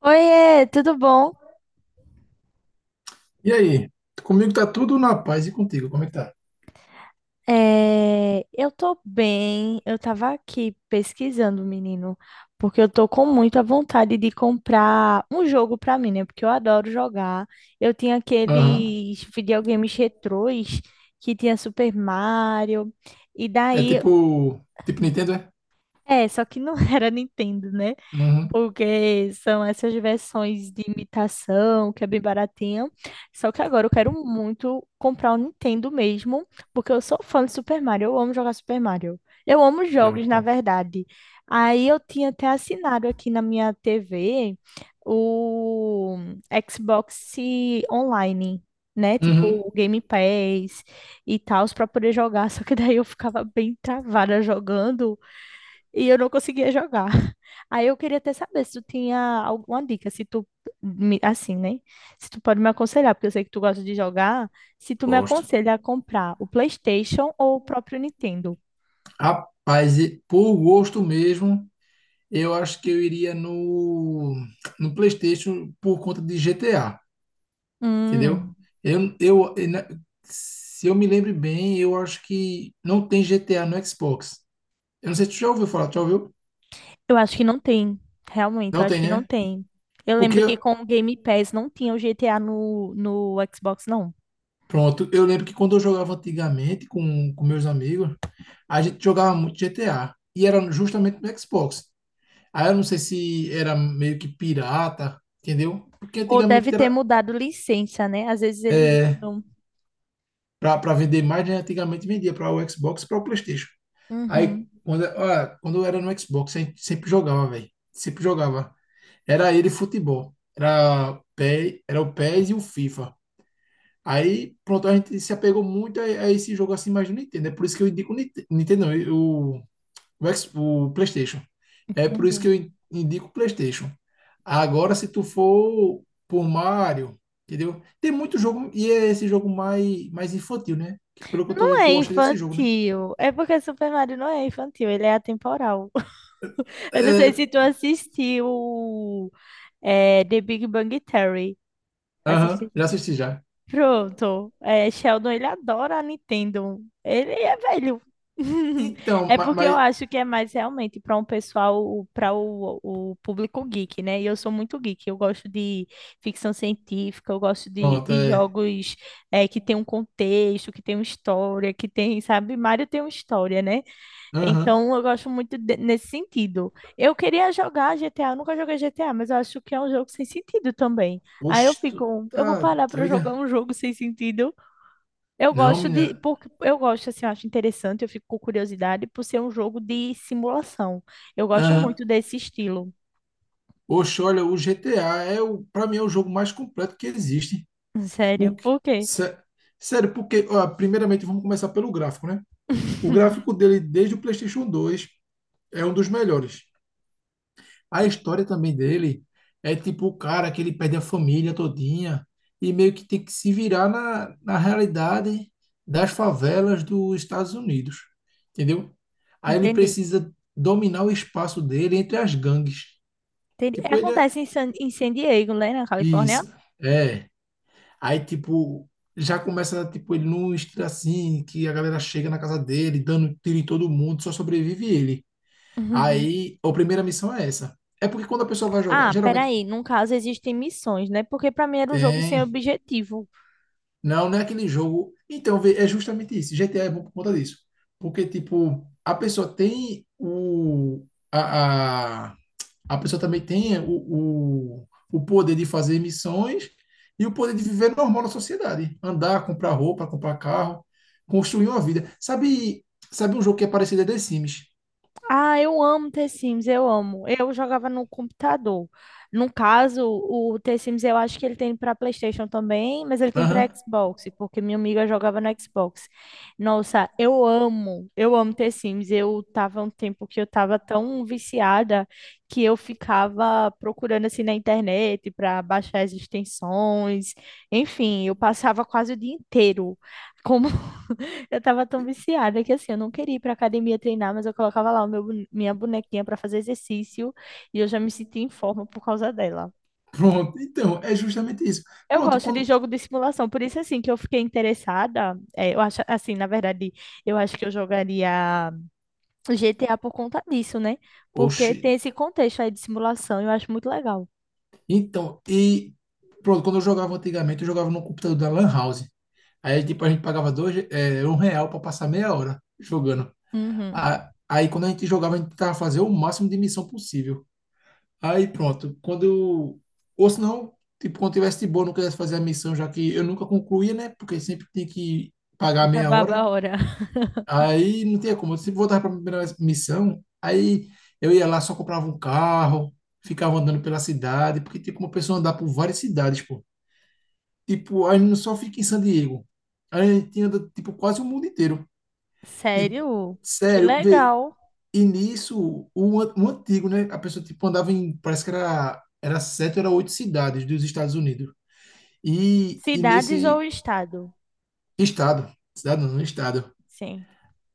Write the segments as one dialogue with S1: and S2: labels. S1: Oiê, tudo bom?
S2: E aí? Comigo tá tudo na paz e contigo, como é que tá?
S1: É, eu tô bem. Eu tava aqui pesquisando, menino, porque eu tô com muita vontade de comprar um jogo pra mim, né? Porque eu adoro jogar. Eu tinha
S2: Aham.
S1: aqueles videogames retrôs que tinha Super Mario, e
S2: É
S1: daí,
S2: tipo. Tipo Nintendo, é?
S1: é, só que não era Nintendo, né?
S2: Uhum.
S1: Porque são essas versões de imitação, que é bem baratinha. Só que agora eu quero muito comprar o Nintendo mesmo, porque eu sou fã de Super Mario, eu amo jogar Super Mario. Eu amo
S2: É
S1: jogos,
S2: muito
S1: na
S2: bom.
S1: verdade. Aí eu tinha até assinado aqui na minha TV o Xbox Online, né? Tipo
S2: Uhum.
S1: o Game Pass e tal, para poder jogar. Só que daí eu ficava bem travada jogando e eu não conseguia jogar. Aí eu queria até saber se tu tinha alguma dica, se tu, assim, né? Se tu pode me aconselhar, porque eu sei que tu gosta de jogar, se tu me
S2: Gosto.
S1: aconselha a comprar o PlayStation ou o próprio Nintendo.
S2: Rapaz, e por gosto mesmo, eu acho que eu iria no PlayStation por conta de GTA, entendeu?
S1: Hum,
S2: Eu, eu, eu na- se eu me lembro bem, eu acho que não tem GTA no Xbox. Eu não sei se tu já ouviu falar, tu já ouviu?
S1: eu acho que não tem. Realmente, eu
S2: Não
S1: acho
S2: tem,
S1: que não
S2: né?
S1: tem. Eu
S2: Porque
S1: lembro que com o Game Pass não tinha o GTA no Xbox, não.
S2: Pronto, eu lembro que quando eu jogava antigamente com meus amigos, a gente jogava muito GTA. E era justamente no Xbox. Aí eu não sei se era meio que pirata, entendeu? Porque
S1: Ou deve
S2: antigamente
S1: ter
S2: era
S1: mudado licença, né? Às vezes eles mudam.
S2: para vender mais, né? Antigamente vendia para o Xbox, e para o PlayStation. Aí
S1: Uhum,
S2: quando eu era no Xbox, a gente sempre jogava, velho. Sempre jogava. Era ele futebol. Era o PES e S e o FIFA. Aí, pronto, a gente se apegou muito a esse jogo assim mais do Nintendo. É por isso que eu indico o Nintendo, não, o PlayStation. É por isso
S1: entendi.
S2: que eu indico o PlayStation. Agora, se tu for por Mario, entendeu? Tem muito jogo, e é esse jogo mais, mais infantil, né? Que pelo que eu tô
S1: Não
S2: vendo,
S1: é
S2: tu gosta desse jogo, né?
S1: infantil. É porque Super Mario não é infantil, ele é atemporal. Eu não
S2: É,
S1: sei se tu assistiu The Big Bang Theory.
S2: aham, já assisti já.
S1: Pronto. É, Sheldon, ele adora a Nintendo. Ele é velho.
S2: Então,
S1: É porque eu
S2: mas,
S1: acho que é mais realmente para um pessoal, o público geek, né? E eu sou muito geek. Eu gosto de ficção científica, eu gosto
S2: pronto,
S1: de
S2: é.
S1: jogos que tem um contexto, que tem uma história, que tem, sabe? Mario tem uma história, né?
S2: Aham.
S1: Então, eu gosto muito nesse sentido. Eu queria jogar GTA, eu nunca joguei GTA, mas eu acho que é um jogo sem sentido também. Aí eu
S2: Oxe, tu
S1: fico, eu
S2: tá
S1: vou parar para
S2: doida?
S1: jogar um jogo sem sentido. Eu
S2: Não,
S1: gosto de,
S2: menina.
S1: porque eu gosto assim, eu acho interessante, eu fico com curiosidade por ser um jogo de simulação. Eu gosto
S2: Aham.
S1: muito desse estilo.
S2: Oxe, olha, o GTA para mim é o jogo mais completo que existe.
S1: Sério,
S2: O que-
S1: por quê?
S2: sé- sério, porque ó, primeiramente vamos começar pelo gráfico, né? O gráfico dele desde o PlayStation 2 é um dos melhores. A história também dele é tipo o cara que ele perde a família todinha e meio que tem que se virar na realidade das favelas dos Estados Unidos, entendeu? Aí ele
S1: Entendi.
S2: precisa dominar o espaço dele entre as gangues.
S1: Entendi.
S2: Tipo, ele é
S1: Acontece em em San Diego, né, na Califórnia?
S2: isso. É, aí, tipo, já começa, tipo, ele num estilo assim, que a galera chega na casa dele, dando tiro em todo mundo, só sobrevive ele.
S1: Uhum.
S2: Aí, a primeira missão é essa. É porque quando a pessoa vai jogar,
S1: Ah,
S2: geralmente
S1: peraí. Num caso, existem missões, né? Porque pra mim era um jogo sem
S2: tem.
S1: objetivo.
S2: Não, não é aquele jogo. Então, vê, é justamente isso. GTA é bom por conta disso. Porque, tipo, a pessoa tem a, a pessoa também tem o poder de fazer missões e o poder de viver normal na sociedade. Andar, comprar roupa, comprar carro, construir uma vida. Sabe um jogo que é parecido a The Sims?
S1: Ah, eu amo The Sims, eu amo. Eu jogava no computador. No caso, o The Sims eu acho que ele tem para PlayStation também, mas ele tem para
S2: Aham.
S1: Xbox, porque minha amiga jogava no Xbox. Nossa, eu amo The Sims. Eu tava um tempo que eu tava tão viciada que eu ficava procurando assim na internet para baixar as extensões. Enfim, eu passava quase o dia inteiro. Eu tava tão viciada que assim, eu não queria ir pra academia treinar, mas eu colocava lá minha bonequinha pra fazer exercício e eu já me sentia em forma por causa dela.
S2: Pronto. Então, é justamente isso.
S1: Eu
S2: Pronto,
S1: gosto de
S2: quando.
S1: jogo de simulação, por isso assim que eu fiquei interessada. É, eu acho assim, na verdade, eu acho que eu jogaria GTA por conta disso, né? Porque
S2: Oxi.
S1: tem esse contexto aí de simulação, eu acho muito legal.
S2: Então, e. Pronto, quando eu jogava antigamente, eu jogava no computador da Lan House. Aí, tipo, a gente pagava dois, R$ 1 para passar meia hora jogando.
S1: Uhum.
S2: Aí, quando a gente jogava, a gente tentava fazer o máximo de missão possível. Aí pronto, quando eu. Ou se não, tipo, quando tivesse de boa, não quisesse fazer a missão, já que eu nunca concluía, né? Porque sempre tinha que pagar meia
S1: Acabava
S2: hora.
S1: a hora.
S2: Aí não tinha como. Eu sempre voltava para a primeira missão, aí eu ia lá, só comprava um carro, ficava andando pela cidade, porque tem como a pessoa andar por várias cidades, pô. Tipo, a gente não só fica em San Diego. A gente anda, tipo, quase o mundo inteiro. E,
S1: Sério? Que
S2: sério, vê,
S1: legal.
S2: e nisso, o antigo, né? A pessoa, tipo, andava parece que era sete ou era oito cidades dos Estados Unidos. E
S1: Cidades ou
S2: nesse
S1: estado?
S2: estado, cidade não, no estado.
S1: Sim.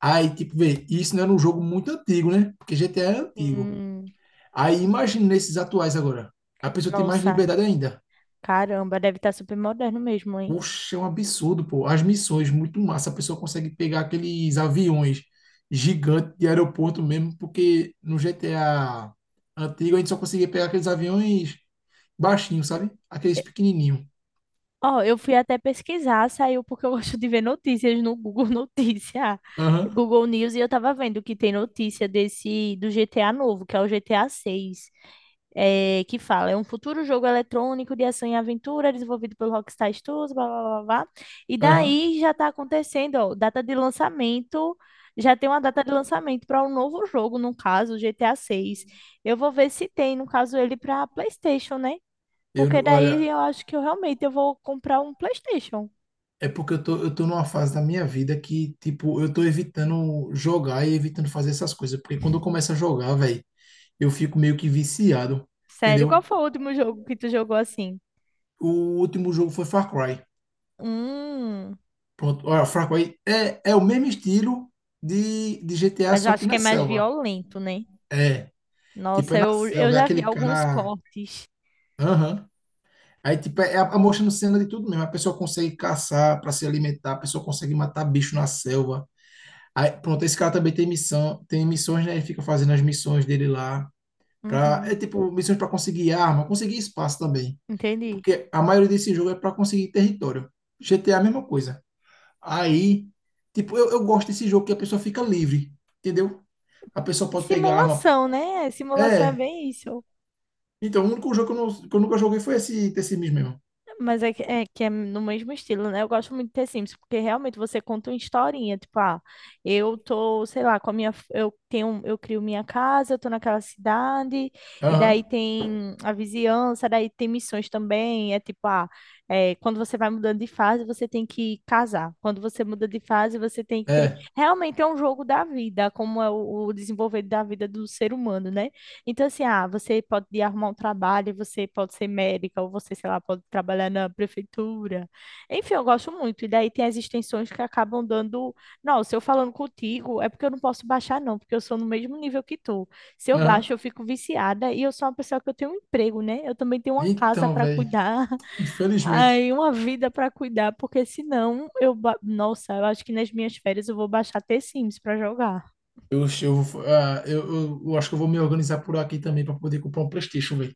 S2: Aí, tipo, vê, isso não era um jogo muito antigo, né? Porque GTA é antigo.
S1: Hum,
S2: Aí, imagina nesses atuais agora. A pessoa tem mais
S1: nossa,
S2: liberdade ainda.
S1: caramba, deve estar super moderno mesmo, hein?
S2: Poxa, é um absurdo, pô. As missões, muito massa. A pessoa consegue pegar aqueles aviões gigantes de aeroporto mesmo, porque no GTA antigo a gente só conseguia pegar aqueles aviões baixinhos, sabe? Aqueles
S1: E-
S2: pequenininhos.
S1: Ó, eu fui até pesquisar, saiu porque eu gosto de ver notícias no Google Notícia,
S2: Aham,
S1: Google News, e eu tava vendo que tem notícia desse do GTA novo, que é o GTA 6, é, que fala, é um futuro jogo eletrônico de ação e aventura desenvolvido pelo Rockstar Studios, blá, blá, blá, blá. E
S2: aham.
S1: daí já tá acontecendo, ó, data de lançamento, já tem uma data de lançamento para um novo jogo, no caso, o GTA 6. Eu vou ver se tem, no caso, ele para PlayStation, né? Porque
S2: Eu,
S1: daí
S2: olha,
S1: eu acho que eu realmente eu vou comprar um PlayStation.
S2: é porque eu tô numa fase da minha vida que, tipo, eu tô evitando jogar e evitando fazer essas coisas. Porque quando eu começo a jogar, velho, eu fico meio que viciado,
S1: Sério, qual
S2: entendeu?
S1: foi o último jogo que tu jogou assim?
S2: O último jogo foi Far Cry.
S1: Hum,
S2: Pronto, olha, Fraco aí é o mesmo estilo de GTA,
S1: mas eu
S2: só que
S1: acho que
S2: na
S1: é mais
S2: selva.
S1: violento, né?
S2: É, tipo, é
S1: Nossa,
S2: na
S1: eu
S2: selva, é
S1: já vi
S2: aquele
S1: alguns
S2: cara.
S1: cortes.
S2: Aham. Aí, tipo, é a mostrando cena de tudo mesmo. A pessoa consegue caçar para se alimentar, a pessoa consegue matar bicho na selva. Aí, pronto, esse cara também tem missão, tem missões, né? Ele fica fazendo as missões dele lá.
S1: Uhum,
S2: É tipo, missões para conseguir arma, conseguir espaço também.
S1: entendi.
S2: Porque a maioria desse jogo é para conseguir território. GTA é a mesma coisa. Aí, tipo, eu gosto desse jogo que a pessoa fica livre, entendeu? A pessoa pode pegar a arma.
S1: Simulação, né? Simulação é
S2: É.
S1: bem isso.
S2: Então, o único jogo que eu nunca joguei foi esse Tessimis mesmo.
S1: Mas é é que é no mesmo estilo, né? Eu gosto muito de ter Sims, porque realmente você conta uma historinha, tipo, ah, eu tô, sei lá, com a eu tenho, eu crio minha casa, eu tô naquela cidade, e
S2: Aham.
S1: daí tem a vizinhança, daí tem missões também, é tipo, ah, é, quando você vai mudando de fase, você tem que casar. Quando você muda de fase, você tem que ter,
S2: É.
S1: realmente é um jogo da vida, como é o desenvolver da vida do ser humano, né? Então, assim, ah, você pode ir arrumar um trabalho, você pode ser médica, ou você, sei lá, pode trabalhar na prefeitura. Enfim, eu gosto muito. E daí tem as extensões que acabam dando. Não, se eu falando contigo, é porque eu não posso baixar, não, porque eu sou no mesmo nível que tu. Se eu
S2: Aham.
S1: baixo, eu fico viciada e eu sou uma pessoa que eu tenho um emprego, né? Eu também tenho uma casa
S2: Então,
S1: para
S2: velho.
S1: cuidar,
S2: Infelizmente.
S1: aí uma vida para cuidar, porque nossa, eu acho que nas minhas férias eu vou baixar The Sims para jogar.
S2: Eu, eu, eu acho que eu vou me organizar por aqui também para poder comprar um PlayStation, velho.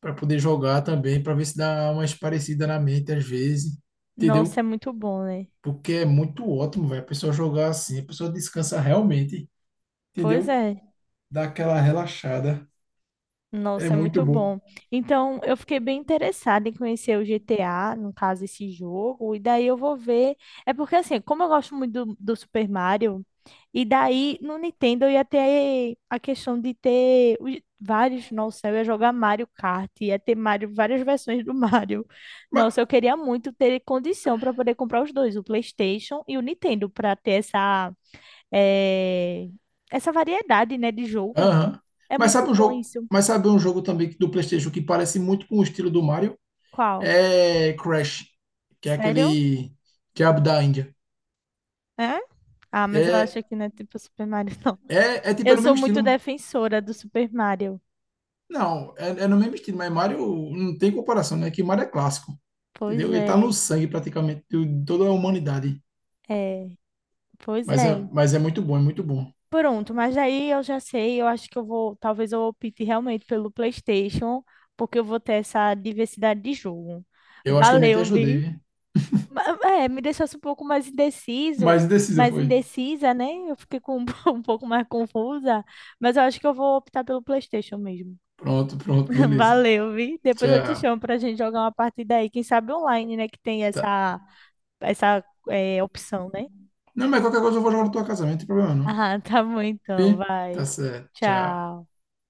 S2: Para poder jogar também, para ver se dá umas parecidas na mente às vezes.
S1: Nossa, é
S2: Entendeu?
S1: muito bom, né?
S2: Porque é muito ótimo, velho. A pessoa jogar assim, a pessoa descansa realmente.
S1: Pois
S2: Entendeu?
S1: é.
S2: Dá aquela relaxada. É
S1: Nossa, é
S2: muito
S1: muito
S2: boa.
S1: bom. Então, eu fiquei bem interessada em conhecer o GTA, no caso, esse jogo, e daí eu vou ver. É porque, assim, como eu gosto muito do Super Mario, e daí no Nintendo eu ia ter a questão de ter vários. Nossa, eu ia jogar Mario Kart, ia ter Mario, várias versões do Mario.
S2: Mas,
S1: Nossa, eu queria muito ter condição para poder comprar os dois, o PlayStation e o Nintendo, para ter eh, essa variedade, né, de jogo.
S2: aham.
S1: É
S2: Mas
S1: muito
S2: sabe um
S1: bom
S2: jogo,
S1: isso.
S2: mas sabe um jogo também do PlayStation que parece muito com o estilo do Mario?
S1: Qual?
S2: É Crash, que é
S1: Sério?
S2: aquele diabo da Índia.
S1: É? Ah, mas eu
S2: É,
S1: acho que não é tipo Super Mario, não.
S2: é, é tipo é
S1: Eu
S2: no
S1: sou
S2: mesmo
S1: muito
S2: estilo.
S1: defensora do Super Mario.
S2: Não, é no mesmo estilo, mas Mario não tem comparação, né? Que Mario é clássico.
S1: Pois
S2: Entendeu? Ele tá no
S1: é,
S2: sangue praticamente de toda a humanidade.
S1: é, pois
S2: Mas é,
S1: é.
S2: mas é muito bom, é muito bom.
S1: Pronto, mas aí eu já sei, eu acho que eu vou, talvez eu opte realmente pelo PlayStation, porque eu vou ter essa diversidade de jogo.
S2: Eu acho que eu nem te
S1: Valeu,
S2: ajudei,
S1: vi.
S2: viu?
S1: É, me deixasse um pouco mais indeciso,
S2: Mas indecisa
S1: mais
S2: foi.
S1: indecisa, né? Eu fiquei com um pouco mais confusa, mas eu acho que eu vou optar pelo PlayStation mesmo.
S2: Pronto, pronto, beleza.
S1: Valeu, vi. Depois eu te
S2: Tchau.
S1: chamo pra gente jogar uma partida aí. Quem sabe online, né? Que tem
S2: Tá.
S1: essa, essa opção, né?
S2: Não, mas qualquer coisa eu vou jogar no teu casamento, não tem problema não.
S1: Ah, tá bom então.
S2: Fih? Tá
S1: Vai.
S2: certo. Tchau.
S1: Tchau.